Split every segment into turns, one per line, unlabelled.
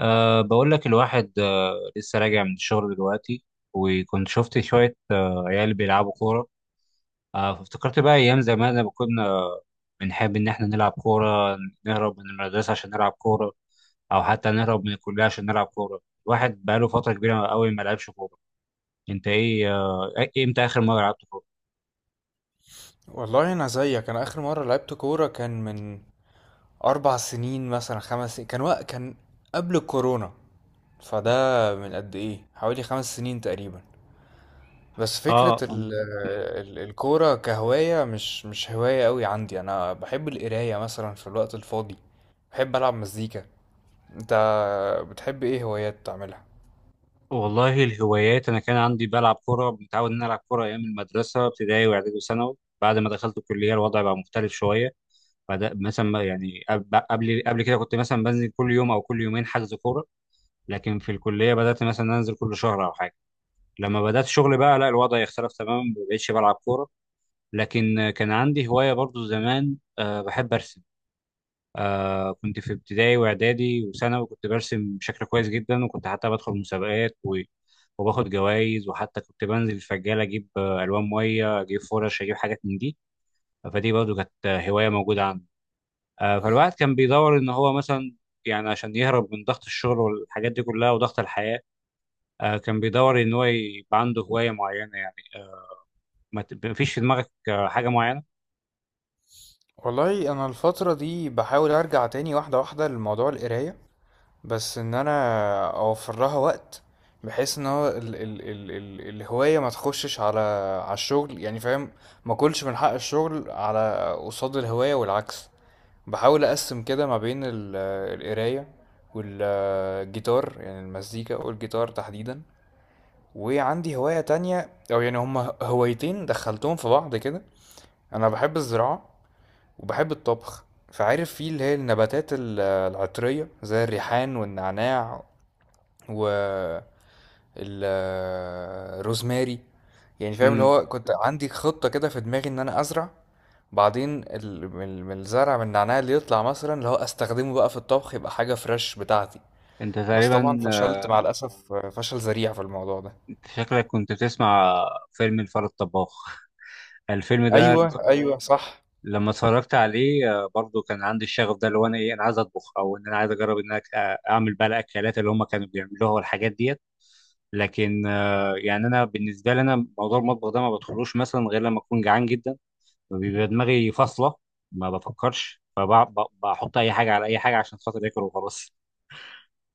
بقول لك الواحد لسه راجع من الشغل دلوقتي. وكنت شفت شوية عيال بيلعبوا كورة. فافتكرت بقى أيام زمان لما كنا بنحب إن إحنا نلعب كورة، نهرب من المدرسة عشان نلعب كورة، أو حتى نهرب من الكلية عشان نلعب كورة. الواحد بقاله فترة كبيرة أوي ما لعبش كورة. أنت إيه، إمتى آخر مرة لعبت كورة؟
والله انا زيك، انا اخر مره لعبت كوره كان من 4 سنين مثلا، 5 سنين. كان قبل الكورونا. فده من قد ايه؟ حوالي 5 سنين تقريبا. بس فكره
آه أم،
الكوره كهوايه، مش هوايه قوي عندي. انا بحب القرايه مثلا في الوقت الفاضي، بحب العب مزيكا. انت بتحب ايه هوايات تعملها؟
والله الهوايات، أنا كان عندي بلعب كورة، متعود إن أنا ألعب كورة أيام المدرسة، ابتدائي وإعدادي وثانوي. بعد ما دخلت الكلية الوضع بقى مختلف شوية. بعد مثلا ما- يعني قبل كده كنت مثلا بنزل كل يوم او كل يومين حجز كوره، لكن في الكليه بدات مثلا انزل كل شهر او حاجه. لما بدات شغل بقى لا، الوضع يختلف تماما، ما بقتش بلعب كوره. لكن كان عندي هوايه برضو زمان، بحب ارسم. كنت في ابتدائي واعدادي وثانوي كنت برسم بشكل كويس جدا، وكنت حتى بدخل مسابقات و وباخد جوائز، وحتى كنت بنزل الفجالة أجيب ألوان مية، أجيب فرش، أجيب حاجات من دي. فدي برضو كانت هواية موجودة عندي. فالواحد كان بيدور ان هو مثلا، يعني عشان يهرب من ضغط الشغل والحاجات دي كلها وضغط الحياة. كان بيدور ان هو يبقى عنده هواية معينة يعني. ما فيش في دماغك حاجة معينة؟
والله انا الفتره دي بحاول ارجع تاني واحده واحده لموضوع القرايه، بس ان انا اوفر لها وقت بحيث ان هو ال ال ال ال الهوايه ما تخشش على على الشغل، يعني فاهم. ما اكلش من حق الشغل على قصاد الهوايه والعكس. بحاول اقسم كده ما بين القرايه والجيتار، يعني المزيكا والجيتار تحديدا. وعندي هوايه تانية، او يعني هما هوايتين دخلتهم في بعض كده: انا بحب الزراعه وبحب الطبخ. فعارف في اللي هي النباتات العطرية زي الريحان والنعناع والروزماري، يعني فاهم اللي
امم.
هو كنت عندي خطة كده في دماغي ان انا ازرع. بعدين من الزرع، من النعناع اللي يطلع مثلا، اللي هو استخدمه بقى في الطبخ يبقى حاجة فريش بتاعتي.
انت
بس
تقريبا
طبعا فشلت مع الأسف فشل ذريع في الموضوع ده.
شكلك كنت بتسمع فيلم الفار الطباخ. الفيلم ده
ايوه ايوه صح.
لما اتفرجت عليه برضو كان عندي الشغف ده، اللي هو انا ايه، انا عايز اطبخ، او ان انا عايز اجرب ان انا اعمل بقى الاكلات اللي هم كانوا بيعملوها والحاجات ديت. لكن يعني انا بالنسبه لي، انا موضوع المطبخ ده ما بدخلوش مثلا غير لما اكون جعان جدا، بيبقى دماغي فاصلة، ما بفكرش، فبحط أي حاجة على أي حاجة عشان خاطر آكل وخلاص.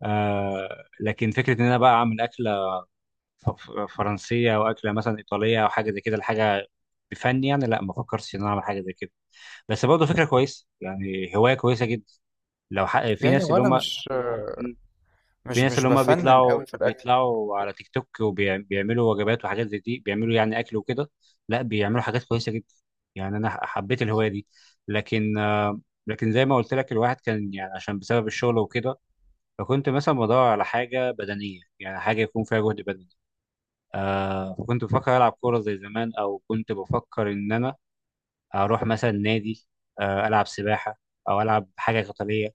لكن فكرة إن أنا بقى أعمل أكلة ف- ف- فرنسية، أو أكلة مثلا إيطالية، أو حاجة زي كده، الحاجة بفن يعني، لا ما فكرتش إن أنا أعمل حاجة زي كده. بس برضه فكرة كويسة، يعني هواية كويسة جدا. في
يعني
ناس اللي
وانا
هم،
مش
في
مش
ناس
مش
اللي هم
بفنن
بيطلعوا
قوي في الاكل.
على تيك توك وبيعملوا وجبات وحاجات زي دي، بيعملوا يعني اكل وكده. لا بيعملوا حاجات كويسه جدا، يعني انا حبيت الهوايه دي. لكن آه، لكن زي ما قلت لك، الواحد كان يعني عشان بسبب الشغل وكده، فكنت مثلا بدور على حاجه بدنيه، يعني حاجه يكون فيها جهد بدني. فكنت بفكر العب كوره زي زمان، او كنت بفكر ان انا اروح مثلا نادي، العب سباحه، او العب حاجه قتاليه،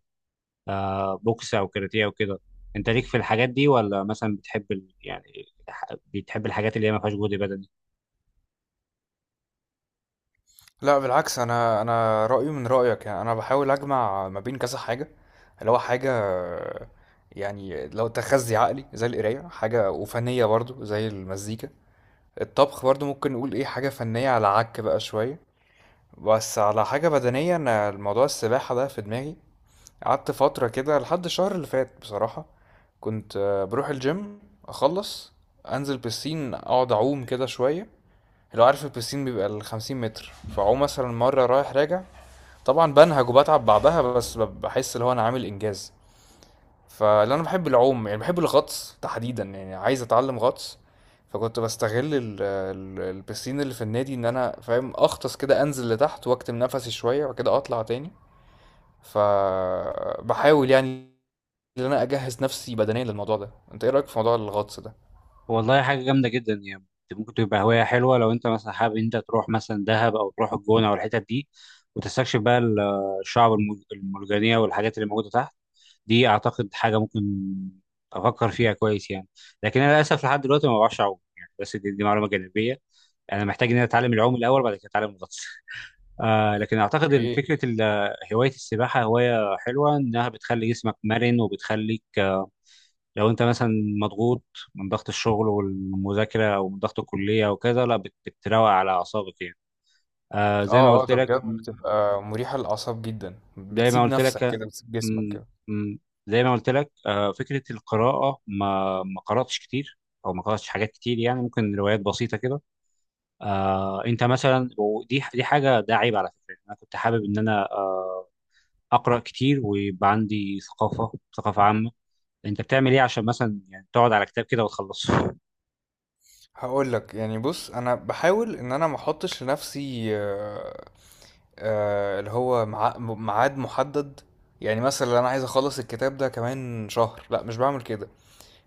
بوكس او كاراتيه او كده. انت ليك في الحاجات دي، ولا مثلا بتحب بتحب الحاجات اللي هي ما فيهاش جهد بدني؟
لا بالعكس، انا رايي من رايك. يعني انا بحاول اجمع ما بين كذا حاجه: اللي هو حاجه يعني لو تخزي عقلي زي القرايه، حاجه وفنيه برضو زي المزيكا، الطبخ برضو ممكن نقول ايه حاجه فنيه على عك بقى شويه. بس على حاجه بدنيه، انا الموضوع السباحه ده في دماغي. قعدت فتره كده لحد الشهر اللي فات بصراحه، كنت بروح الجيم، اخلص انزل بسين، اقعد اعوم كده شويه. لو عارف البسين بيبقى ال50 متر، فاعوم مثلا مرة رايح راجع. طبعًا بانهج وباتعب بعدها، بس باحس اللي هو أنا عامل إنجاز. فلأن أنا باحب العوم، يعني باحب الغطس تحديدًا، يعني عايز أتعلم غطس. فكنت باستغل ال ال البيسين اللي في النادي إن أنا فاهم أغطس كده، أنزل لتحت وأكتم نفسي شوية، وبعد كده أطلع تاني. فباحاول يعني إن أنا أجهز نفسي بدنيًا للموضوع ده. أنت إيه رأيك في موضوع الغطس ده؟
والله حاجه جامده جدا يعني، ممكن تبقى هوايه حلوه لو انت مثلا حابب انت تروح مثلا دهب، او تروح الجونه، او الحتت دي، وتستكشف بقى الشعب المرجانيه والحاجات اللي موجوده تحت. دي اعتقد حاجه ممكن افكر فيها كويس يعني. لكن انا للاسف لحد دلوقتي ما بعرفش اعوم يعني، بس دي معلومه جانبيه. انا محتاج ان انا اتعلم العوم الاول، بعد كده اتعلم الغطس. لكن اعتقد فكره هوايه السباحه هوايه حلوه، انها بتخلي جسمك مرن وبتخليك لو انت مثلا مضغوط من ضغط الشغل والمذاكره، او من ضغط الكليه وكذا، لا بتروق على اعصابك يعني. زي ما
آه، آه،
قلت
ده
لك،
بجد بتبقى مريحة للأعصاب جدًا،
زي ما
بتسيب
قلت لك
نفسك
آه،
كده، بتسيب جسمك
م-
كده.
م- فكره القراءه ما قراتش كتير، او ما قراتش حاجات كتير يعني، ممكن روايات بسيطه كده. انت مثلا، ودي حاجه، ده عيب على فكره، انا كنت حابب ان انا اقرا كتير ويبقى عندي ثقافه عامه. انت بتعمل ايه عشان مثلا يعني تقعد على كتاب كده وتخلصه؟
هاقول لك، يعني بُص، أنا باحاول إن أنا ما احطّش لنفسي اللي هو مع ميعاد مُحدد. يعني مثلًا أنا عايز أخلّص الكتاب ده كمان شهر، لأ مش باعمل كده.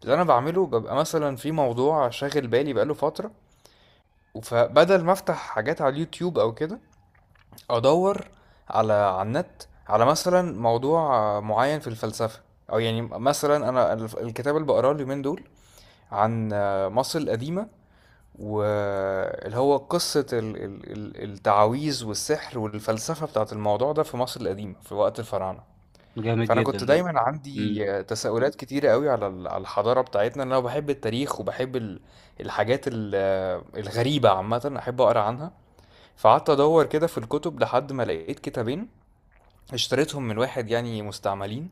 اللي أنا باعمله بابقى مثلًا في موضوع شاغل بالي بقى له فترة، فبدل ما أفتح حاجات على اليوتيوب أو كده، أدوّر على النت على مثلًا موضوع معيّن في الفلسفة. أو يعني مثلًا أنا الف الكتاب اللي باقراه اليومين دول عن مصر القديمة، واللي هو قصة التعاويذ والسحر والفلسفة بتاعت الموضوع ده في مصر القديمة في وقت الفراعنة.
جامد
فأنا
جدا
كنت
ده.
دايما
امم.
عندي تساؤلات كتيرة قوي على الحضارة بتاعتنا، لأن أنا بحب التاريخ وبحب الحاجات الغريبة عامة، أحب أقرأ عنها. فقعدت أدور كده في الكتب لحد ما لقيت كتابين، اشتريتهم من واحد يعني مستعملين.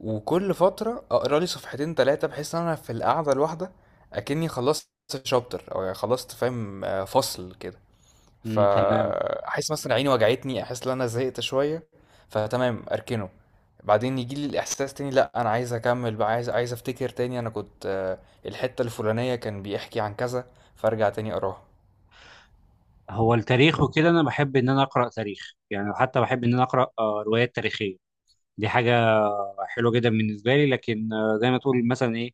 وكل فترة اقرا لي صفحتين 3، بحيث ان انا في القعدة الواحدة اكني خلصت شابتر، او يعني خلصت فاهم فصل كده.
تمام.
فاحس مثلا عيني وجعتني، احس ان انا زهقت شوية، فتمام اركنه. بعدين يجي لي الاحساس تاني: لا انا عايز اكمل بقى، عايز افتكر تاني انا كنت الحتة الفلانية كان بيحكي عن كذا، فارجع تاني اقراها.
هو التاريخ وكده، انا بحب ان انا اقرا تاريخ يعني، حتى بحب ان انا اقرا روايات تاريخيه. دي حاجه حلوه جدا بالنسبه لي. لكن زي ما تقول مثلا ايه،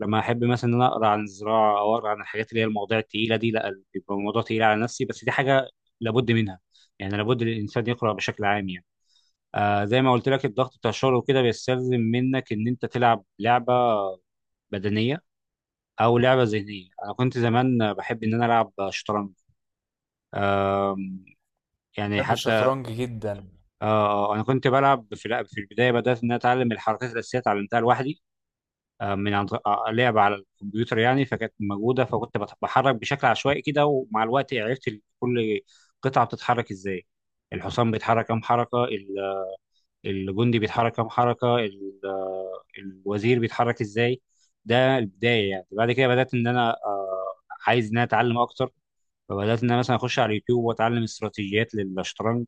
لما احب مثلا ان انا اقرا عن الزراعه، او اقرا عن الحاجات اللي هي المواضيع التقيله دي، لا بيبقى الموضوع تقيل على نفسي. بس دي حاجه لابد منها، يعني لابد الانسان يقرا بشكل عام يعني. زي ما قلت لك الضغط بتاع الشغل وكده بيستلزم منك ان انت تلعب لعبه بدنيه، او لعبه ذهنيه. انا كنت زمان بحب ان انا العب شطرنج. آم، يعني
بحب
حتى،
الشطرنج جدا.
آه انا كنت بلعب في في البدايه بدات ان أنا اتعلم الحركات الاساسيه، اتعلمتها لوحدي من عن طريق- آه، لعبه على الكمبيوتر يعني، فكانت موجوده، فكنت بحرك بشكل عشوائي كده، ومع الوقت عرفت كل قطعه بتتحرك ازاي. الحصان بيتحرك كام حركه، الجندي بيتحرك كام حركه، الوزير بيتحرك ازاي. ده البدايه يعني. بعد كده بدات ان انا عايز ان انا اتعلم اكتر، فبدات ان انا مثلا اخش على اليوتيوب واتعلم استراتيجيات للشطرنج.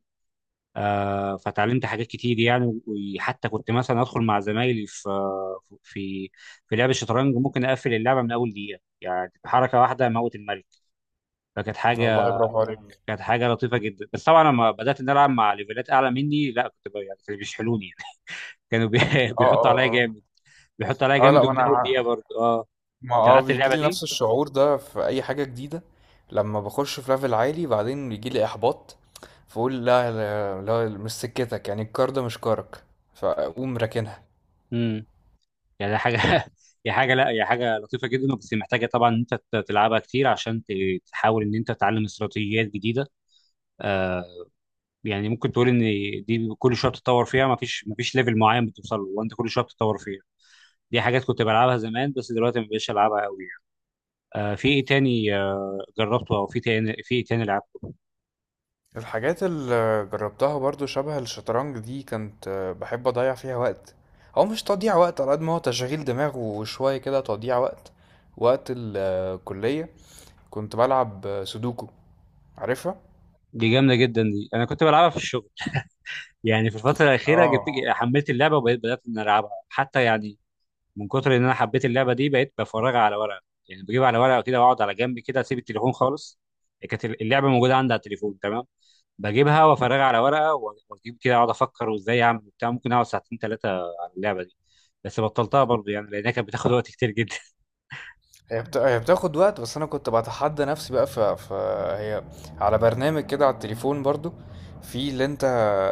فتعلمت حاجات كتير يعني، وحتى كنت مثلا ادخل مع زمايلي في في لعب الشطرنج، ممكن اقفل اللعبه من اول دقيقه يعني، بحركه واحده اموت الملك. فكانت
والله
حاجه
برافو عليك.
كانت حاجه لطيفه جدا. بس طبعا لما بدات ان أنا العب مع ليفلات اعلى مني، لا كنت يعني كانوا بيشحلوني يعني، كانوا بي-
اه
بيحطوا عليا
اه.
جامد. بيحط عليها
اه اه،
جامد
لا ما
ومن اول
انا
دقيقه برضه اه
ما
انت
اه
لعبت
بيجي
اللعبه
لي
دي؟
نفس الشعور ده في اي حاجه جديده. لما بخش في ليفل عالي بعدين بيجي لي احباط، فاقول لا لا، لا مش سكتك، يعني الكار ده مش كارك، فاقوم راكنها.
امم. يعني حاجه هي حاجه لا، هي حاجه لطيفه جدا، بس محتاجه طبعا ان انت تلعبها كتير عشان تحاول ان انت تتعلم استراتيجيات جديده. آه يعني ممكن تقول ان دي كل شويه بتتطور فيها، ما فيش ليفل معين بتوصل له، وانت كل شويه بتتطور فيها. دي حاجات كنت بلعبها زمان بس دلوقتي ما بقتش العبها قوي يعني. في ايه تاني جربته، او في ايه تاني لعبته؟
الحاجات اللي جربتها برضو شبه الشطرنج دي، كنت بحب اضيع فيها وقت. هو مش تضييع وقت على قد ما هو تشغيل دماغ وشويه كده تضييع وقت. وقت الكليه كنت بلعب سودوكو، عارفها؟
دي جامده جدا، دي انا كنت بلعبها في الشغل يعني، في الفترة الأخيرة
اه.
حملت اللعبة، وبقيت إن ألعبها، حتى يعني من كتر إن أنا حبيت اللعبة دي بقيت بفرجها على ورقة. يعني بجيب على ورقة كده وأقعد على جنب كده أسيب التليفون خالص، كانت اللعبة موجودة عندي على التليفون تمام، بجيبها وأفرجها على ورقة وأجيب كده أقعد أفكر وإزاي أعمل وبتاع، ممكن أقعد ساعتين 3 على اللعبة دي. بس بطلتها برضه يعني لأنها كانت بتاخد وقت كتير جدا.
هي بتاخد وقت، بس انا كنت بتحدى نفسي بقى. فهي على برنامج كده على التليفون برضو، في اللي انت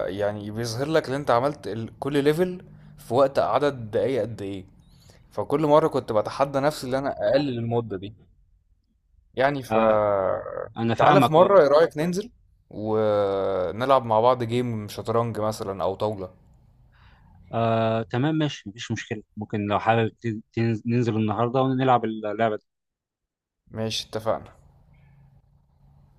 يعني بيظهر لك اللي انت عملت كل ليفل في وقت، عدد دقايق قد ايه. فكل مرة كنت بتحدى نفسي اللي انا اقلل المدة دي. يعني ف،
آه، أنا
تعالى
فاهمك،
في
أه.
مرة، ايه رأيك ننزل ونلعب مع بعض جيم شطرنج مثلا او طاولة؟
آه، تمام ماشي مفيش مشكلة، ممكن لو حابب ننزل النهاردة ونلعب اللعبة دي.
ماشي، اتفقنا.